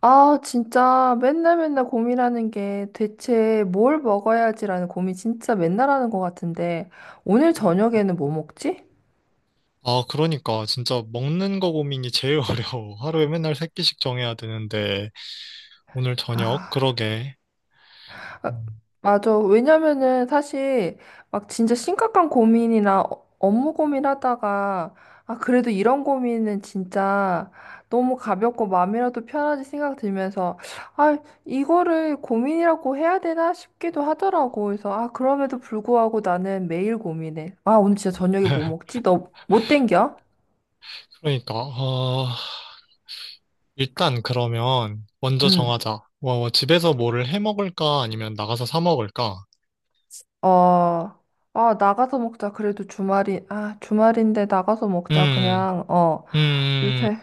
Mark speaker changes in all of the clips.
Speaker 1: 아, 진짜 맨날 맨날 고민하는 게 대체 뭘 먹어야지라는 고민 진짜 맨날 하는 것 같은데 오늘
Speaker 2: 음.
Speaker 1: 저녁에는 뭐 먹지?
Speaker 2: 아, 그러니까 진짜 먹는 거 고민이 제일 어려워. 하루에 맨날 세 끼씩 정해야 되는데 오늘 저녁
Speaker 1: 아.
Speaker 2: 그러게.
Speaker 1: 아,
Speaker 2: 음.
Speaker 1: 맞아. 왜냐면은 사실 막 진짜 심각한 고민이나 업무 고민하다가 아, 그래도 이런 고민은 진짜 너무 가볍고 마음이라도 편하지 생각 들면서 아, 이거를 고민이라고 해야 되나 싶기도 하더라고. 그래서 아, 그럼에도 불구하고 나는 매일 고민해. 아, 오늘 진짜 저녁에 뭐 먹지? 너 못 땡겨?
Speaker 2: 그러니까 어, 일단 그러면 먼저
Speaker 1: 응.
Speaker 2: 정하자. 뭐 집에서 뭐를 해 먹을까 아니면 나가서 사 먹을까?
Speaker 1: 어. 아, 나가서 먹자. 그래도 아, 주말인데 나가서 먹자.
Speaker 2: 음,
Speaker 1: 그냥, 어.
Speaker 2: 음,
Speaker 1: 요새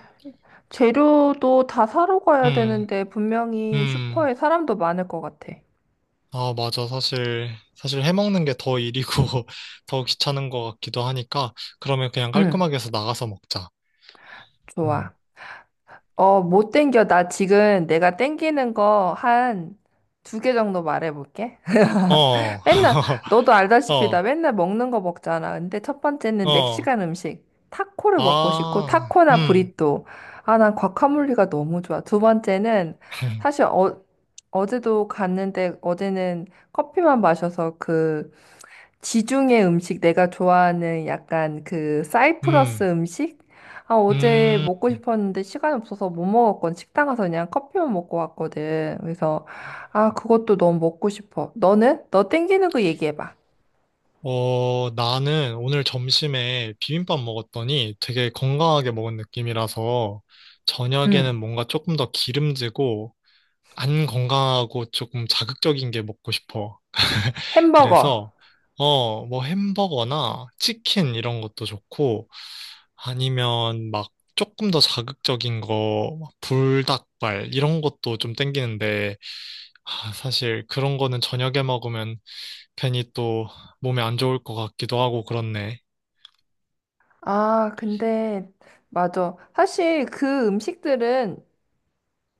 Speaker 1: 재료도 다 사러 가야
Speaker 2: 음,
Speaker 1: 되는데 분명히
Speaker 2: 음.
Speaker 1: 슈퍼에 사람도 많을 것 같아.
Speaker 2: 아, 맞아. 사실 해 먹는 게 더 일이고 더 귀찮은 것 같기도 하니까 그러면 그냥
Speaker 1: 응,
Speaker 2: 깔끔하게 해서 나가서 먹자. 음.
Speaker 1: 좋아. 어, 못 땡겨? 나 지금 내가 땡기는 거 한 두 개 정도 말해볼게.
Speaker 2: 어,
Speaker 1: 맨날, 너도 알다시피 나
Speaker 2: 어.
Speaker 1: 맨날 먹는 거 먹잖아. 근데 첫 번째는
Speaker 2: 어,
Speaker 1: 멕시칸 음식. 타코를 먹고 싶고,
Speaker 2: 아,
Speaker 1: 타코나 브리또. 아, 난 과카몰리가 너무 좋아. 두 번째는 사실 어, 어제도 갔는데 어제는 커피만 마셔서 그 지중해 음식 내가 좋아하는 약간 그 사이프러스
Speaker 2: 음,
Speaker 1: 음식? 아, 어제
Speaker 2: 음.
Speaker 1: 먹고 싶었는데 시간이 없어서 못 먹었건 식당 가서 그냥 커피만 먹고 왔거든. 그래서 아, 그것도 너무 먹고 싶어. 너는? 너 땡기는 거 얘기해 봐.
Speaker 2: 어, 나는 오늘 점심에 비빔밥 먹었더니 되게 건강하게 먹은 느낌이라서
Speaker 1: 응.
Speaker 2: 저녁에는 뭔가 조금 더 기름지고 안 건강하고 조금 자극적인 게 먹고 싶어.
Speaker 1: 햄버거.
Speaker 2: 그래서, 어, 뭐 햄버거나 치킨 이런 것도 좋고 아니면 막 조금 더 자극적인 거, 막 불닭발 이런 것도 좀 땡기는데 아, 사실 그런 거는 저녁에 먹으면 괜히 또 몸에 안 좋을 것 같기도 하고 그렇네.
Speaker 1: 아, 근데 맞아. 사실 그 음식들은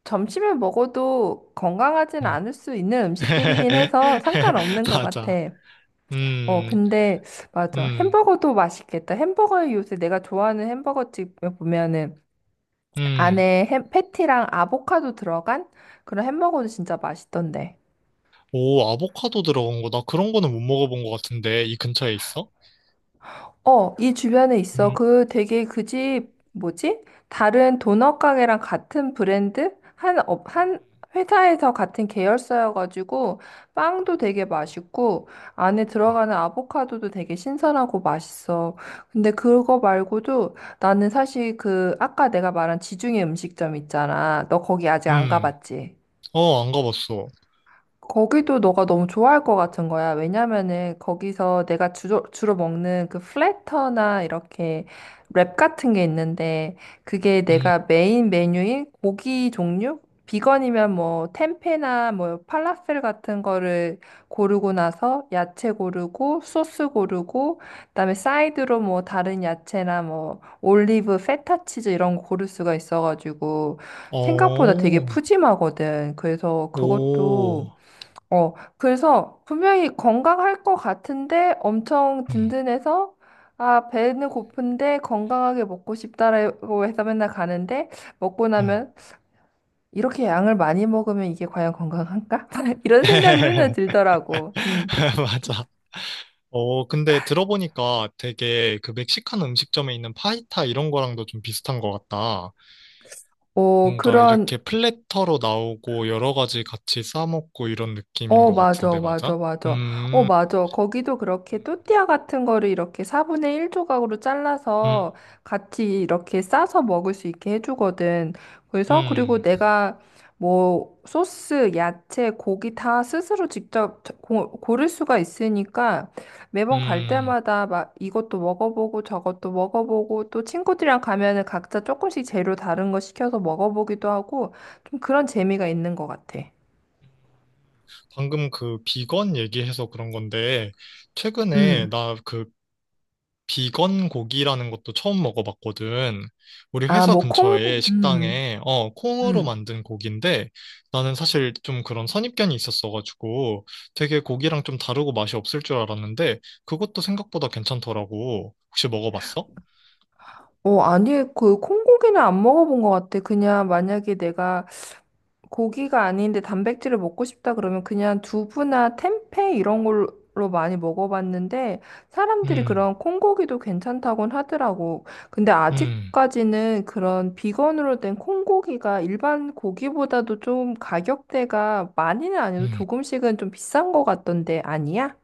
Speaker 1: 점심에 먹어도 건강하진
Speaker 2: 음.
Speaker 1: 않을 수 있는 음식들이긴 해서 상관없는 것 같아.
Speaker 2: 맞아.
Speaker 1: 어,
Speaker 2: 음,
Speaker 1: 근데, 맞아.
Speaker 2: 음,
Speaker 1: 햄버거도 맛있겠다. 햄버거에 요새 내가 좋아하는 햄버거집 보면은
Speaker 2: 음.
Speaker 1: 안에 패티랑 아보카도 들어간 그런 햄버거도 진짜 맛있던데.
Speaker 2: 오, 아보카도 들어간 거. 나 그런 거는 못 먹어본 것 같은데. 이 근처에 있어?
Speaker 1: 어, 이 주변에 있어.
Speaker 2: 음,
Speaker 1: 그 되게 그 집, 뭐지? 다른 도넛 가게랑 같은 브랜드? 한 회사에서 같은 계열사여가지고, 빵도 되게 맛있고, 안에 들어가는 아보카도도 되게 신선하고 맛있어. 근데 그거 말고도 나는 사실 그, 아까 내가 말한 지중해 음식점 있잖아. 너 거기 아직
Speaker 2: 음,
Speaker 1: 안
Speaker 2: 음.
Speaker 1: 가봤지?
Speaker 2: 어, 안 가봤어.
Speaker 1: 거기도 너가 너무 좋아할 것 같은 거야. 왜냐면은 거기서 내가 주로 먹는 그 플래터나 이렇게 랩 같은 게 있는데 그게
Speaker 2: 음,
Speaker 1: 내가 메인 메뉴인 고기 종류? 비건이면 뭐 템페나 뭐 팔라펠 같은 거를 고르고 나서 야채 고르고 소스 고르고 그다음에 사이드로 뭐 다른 야채나 뭐 올리브, 페타 치즈 이런 거 고를 수가 있어가지고 생각보다 되게
Speaker 2: 어,
Speaker 1: 푸짐하거든. 그래서 그것도
Speaker 2: 오,
Speaker 1: 어, 그래서 분명히 건강할 것 같은데 엄청
Speaker 2: 음,
Speaker 1: 든든해서 아, 배는 고픈데 건강하게 먹고 싶다라고 해서 맨날 가는데 먹고
Speaker 2: 음.
Speaker 1: 나면 이렇게 양을 많이 먹으면 이게 과연 건강한가? 이런 생각이 맨날 들더라고. 음.
Speaker 2: 맞아. 어, 근데 들어보니까 되게 그 멕시칸 음식점에 있는 파이타 이런 거랑도 좀 비슷한 것 같다.
Speaker 1: 어,
Speaker 2: 뭔가
Speaker 1: 그런
Speaker 2: 이렇게 플래터로 나오고 여러 가지 같이 싸먹고 이런 느낌인
Speaker 1: 어,
Speaker 2: 것
Speaker 1: 맞아,
Speaker 2: 같은데,
Speaker 1: 맞아,
Speaker 2: 맞아?
Speaker 1: 맞아. 어,
Speaker 2: 음,
Speaker 1: 맞아. 거기도 그렇게
Speaker 2: 음,
Speaker 1: 또띠아 같은 거를 이렇게 4분의 1 조각으로
Speaker 2: 음,
Speaker 1: 잘라서 같이 이렇게 싸서 먹을 수 있게 해주거든. 그래서, 그리고
Speaker 2: 음.
Speaker 1: 내가 뭐 소스, 야채, 고기 다 스스로 직접 고를 수가 있으니까 매번 갈
Speaker 2: 음.
Speaker 1: 때마다 막 이것도 먹어보고 저것도 먹어보고 또 친구들이랑 가면은 각자 조금씩 재료 다른 거 시켜서 먹어보기도 하고 좀 그런 재미가 있는 것 같아.
Speaker 2: 방금 그 비건 얘기해서 그런 건데, 최근에
Speaker 1: 음.
Speaker 2: 나그 비건 고기라는 것도 처음 먹어봤거든. 우리
Speaker 1: 아,
Speaker 2: 회사
Speaker 1: 뭐,
Speaker 2: 근처에
Speaker 1: 콩, 음,
Speaker 2: 식당에, 어, 콩으로
Speaker 1: 음.
Speaker 2: 만든 고기인데, 나는 사실 좀 그런 선입견이 있었어가지고, 되게 고기랑 좀 다르고 맛이 없을 줄 알았는데, 그것도 생각보다 괜찮더라고. 혹시 먹어봤어?
Speaker 1: 어, 아니, 그, 콩고기는 안 먹어본 것 같아. 그냥 만약에 내가 고기가 아닌데 단백질을 먹고 싶다 그러면 그냥 두부나 템페 이런 걸로 많이 먹어봤는데 사람들이
Speaker 2: 음,
Speaker 1: 그런 콩고기도 괜찮다곤 하더라고. 근데
Speaker 2: 음,
Speaker 1: 아직까지는 그런 비건으로 된 콩고기가 일반 고기보다도 좀 가격대가 많이는 아니어도
Speaker 2: 음.
Speaker 1: 조금씩은 좀 비싼 것 같던데, 아니야?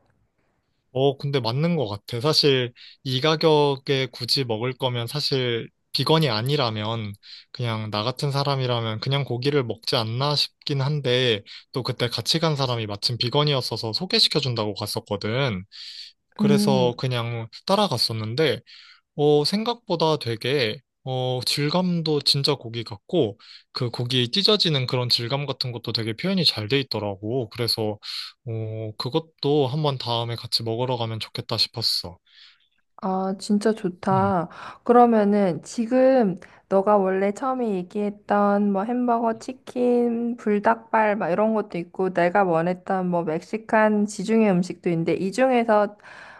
Speaker 2: 어, 근데 맞는 것 같아. 사실 이 가격에 굳이 먹을 거면 사실 비건이 아니라면 그냥 나 같은 사람이라면 그냥 고기를 먹지 않나 싶긴 한데 또 그때 같이 간 사람이 마침 비건이었어서 소개시켜 준다고 갔었거든.
Speaker 1: 음.
Speaker 2: 그래서 그냥 따라갔었는데 어, 생각보다 되게, 어, 질감도 진짜 고기 같고, 그 고기 찢어지는 그런 질감 같은 것도 되게 표현이 잘 돼 있더라고. 그래서, 어, 그것도 한번 다음에 같이 먹으러 가면 좋겠다 싶었어.
Speaker 1: 아, 진짜
Speaker 2: 음.
Speaker 1: 좋다. 그러면은 지금 너가 원래 처음에 얘기했던 뭐 햄버거, 치킨, 불닭발 막 이런 것도 있고 내가 원했던 뭐 멕시칸 지중해 음식도 있는데 이 중에서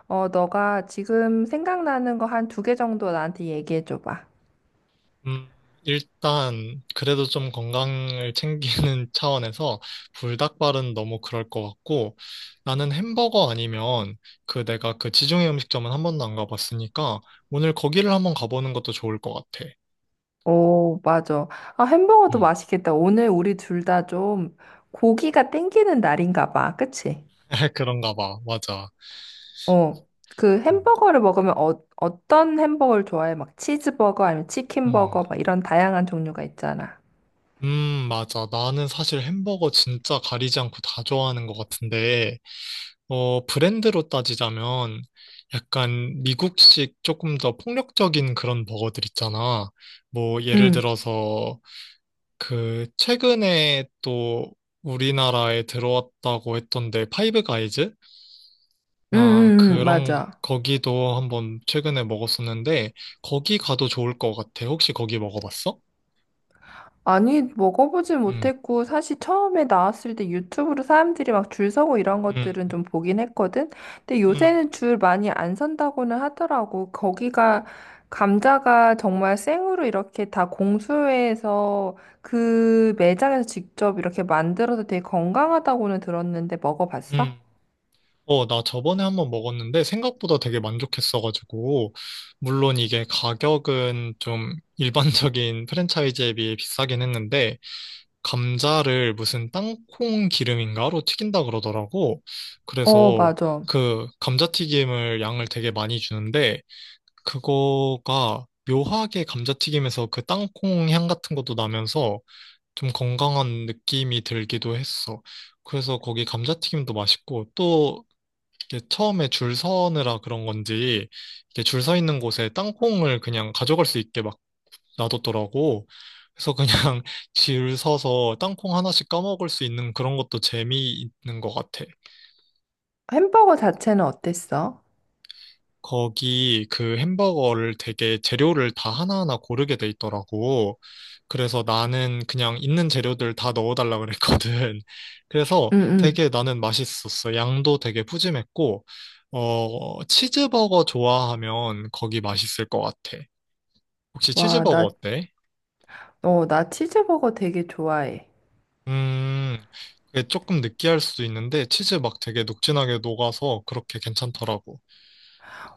Speaker 1: 어 너가 지금 생각나는 거 한 두 개 정도 나한테 얘기해 줘 봐.
Speaker 2: 음, 일단, 그래도 좀 건강을 챙기는 차원에서 불닭발은 너무 그럴 것 같고, 나는 햄버거 아니면 그 내가 그 지중해 음식점은 한 번도 안 가봤으니까, 오늘 거기를 한번 가보는 것도 좋을 것 같아.
Speaker 1: 오, 맞아. 아, 햄버거도
Speaker 2: 음.
Speaker 1: 맛있겠다. 오늘 우리 둘 다 좀 고기가 땡기는 날인가 봐. 그치?
Speaker 2: 그런가 봐. 맞아.
Speaker 1: 어, 그
Speaker 2: 음.
Speaker 1: 햄버거를 먹으면 어, 어떤 햄버거를 좋아해? 막 치즈버거 아니면
Speaker 2: 음.
Speaker 1: 치킨버거 막 이런 다양한 종류가 있잖아.
Speaker 2: 맞아. 나는 사실 햄버거 진짜 가리지 않고 다 좋아하는 것 같은데, 어, 브랜드로 따지자면 약간 미국식 조금 더 폭력적인 그런 버거들 있잖아. 뭐, 예를
Speaker 1: 응,
Speaker 2: 들어서 그 최근에 또 우리나라에 들어왔다고 했던데, 파이브 가이즈나
Speaker 1: 응, 응, 응,
Speaker 2: 그런
Speaker 1: 맞아.
Speaker 2: 거기도 한번 최근에 먹었었는데, 거기 가도 좋을 것 같아. 혹시 거기 먹어봤어?
Speaker 1: 아니, 먹어보진
Speaker 2: 음,
Speaker 1: 못했고, 사실 처음에 나왔을 때 유튜브로 사람들이 막 줄 서고 이런
Speaker 2: 음,
Speaker 1: 것들은 좀 보긴 했거든? 근데
Speaker 2: 음,
Speaker 1: 요새는 줄 많이 안 선다고는 하더라고. 거기가, 감자가 정말 생으로 이렇게 다 공수해서 그 매장에서 직접 이렇게 만들어서 되게 건강하다고는 들었는데 먹어봤어?
Speaker 2: 음. 어, 나 저번에 한번 먹었는데 생각보다 되게 만족했어가지고, 물론 이게 가격은 좀 일반적인 프랜차이즈에 비해 비싸긴 했는데, 감자를 무슨 땅콩 기름인가로 튀긴다 그러더라고.
Speaker 1: 어,
Speaker 2: 그래서
Speaker 1: 맞아.
Speaker 2: 그 감자튀김을 양을 되게 많이 주는데, 그거가 묘하게 감자튀김에서 그 땅콩 향 같은 것도 나면서 좀 건강한 느낌이 들기도 했어. 그래서 거기 감자튀김도 맛있고 또 이게 처음에 줄 서느라 그런 건지 이게 줄 서 있는 곳에 땅콩을 그냥 가져갈 수 있게 막 놔뒀더라고. 그래서 그냥 줄 서서 땅콩 하나씩 까먹을 수 있는 그런 것도 재미있는 것 같아.
Speaker 1: 햄버거 자체는 어땠어?
Speaker 2: 거기 그 햄버거를 되게 재료를 다 하나하나 고르게 돼 있더라고. 그래서 나는 그냥 있는 재료들 다 넣어달라 그랬거든. 그래서
Speaker 1: 응, 응.
Speaker 2: 되게 나는 맛있었어. 양도 되게 푸짐했고, 어, 치즈버거 좋아하면 거기 맛있을 것 같아. 혹시
Speaker 1: 와,
Speaker 2: 치즈버거
Speaker 1: 나,
Speaker 2: 어때?
Speaker 1: 어, 나 치즈버거 되게 좋아해.
Speaker 2: 음, 그게 조금 느끼할 수도 있는데, 치즈 막 되게 녹진하게 녹아서 그렇게 괜찮더라고.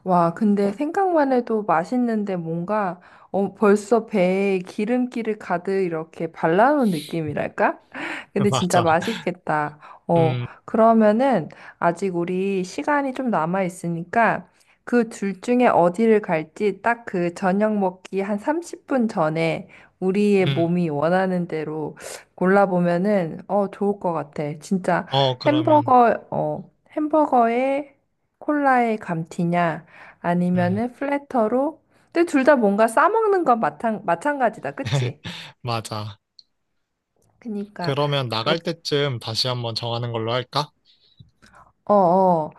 Speaker 1: 와, 근데 생각만 해도 맛있는데 뭔가 어, 벌써 배에 기름기를 가득 이렇게 발라놓은 느낌이랄까? 근데 진짜
Speaker 2: 맞아.
Speaker 1: 맛있겠다. 어,
Speaker 2: 음,
Speaker 1: 그러면은 아직 우리 시간이 좀 남아 있으니까 그 둘 중에 어디를 갈지 딱 그 저녁 먹기 한 30분 전에 우리의
Speaker 2: 음.
Speaker 1: 몸이 원하는 대로 골라보면은 어, 좋을 것 같아. 진짜
Speaker 2: 어, 그러면.
Speaker 1: 햄버거, 어, 햄버거에 콜라에 감튀냐?
Speaker 2: 음.
Speaker 1: 아니면은 플래터로. 근데 둘 다 뭔가 싸먹는 건 마찬가지다. 그치?
Speaker 2: 맞아.
Speaker 1: 그니까.
Speaker 2: 그러면
Speaker 1: 그
Speaker 2: 나갈
Speaker 1: 렇
Speaker 2: 때쯤 다시 한번 정하는 걸로 할까?
Speaker 1: 어 어.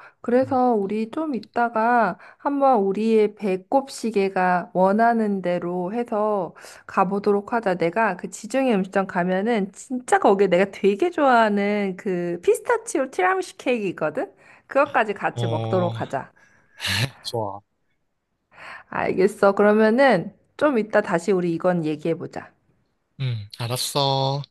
Speaker 2: 음.
Speaker 1: 그래서 우리 좀 이따가 한번 우리의 배꼽 시계가 원하는 대로 해서 가보도록 하자. 내가 그 지중해 음식점 가면은 진짜 거기에 내가 되게 좋아하는 그 피스타치오 티라미수 케이크 있거든? 그것까지 같이
Speaker 2: 어,
Speaker 1: 먹도록 하자.
Speaker 2: 좋아.
Speaker 1: 알겠어. 그러면은 좀 이따 다시 우리 이건 얘기해보자.
Speaker 2: 응, 알았어.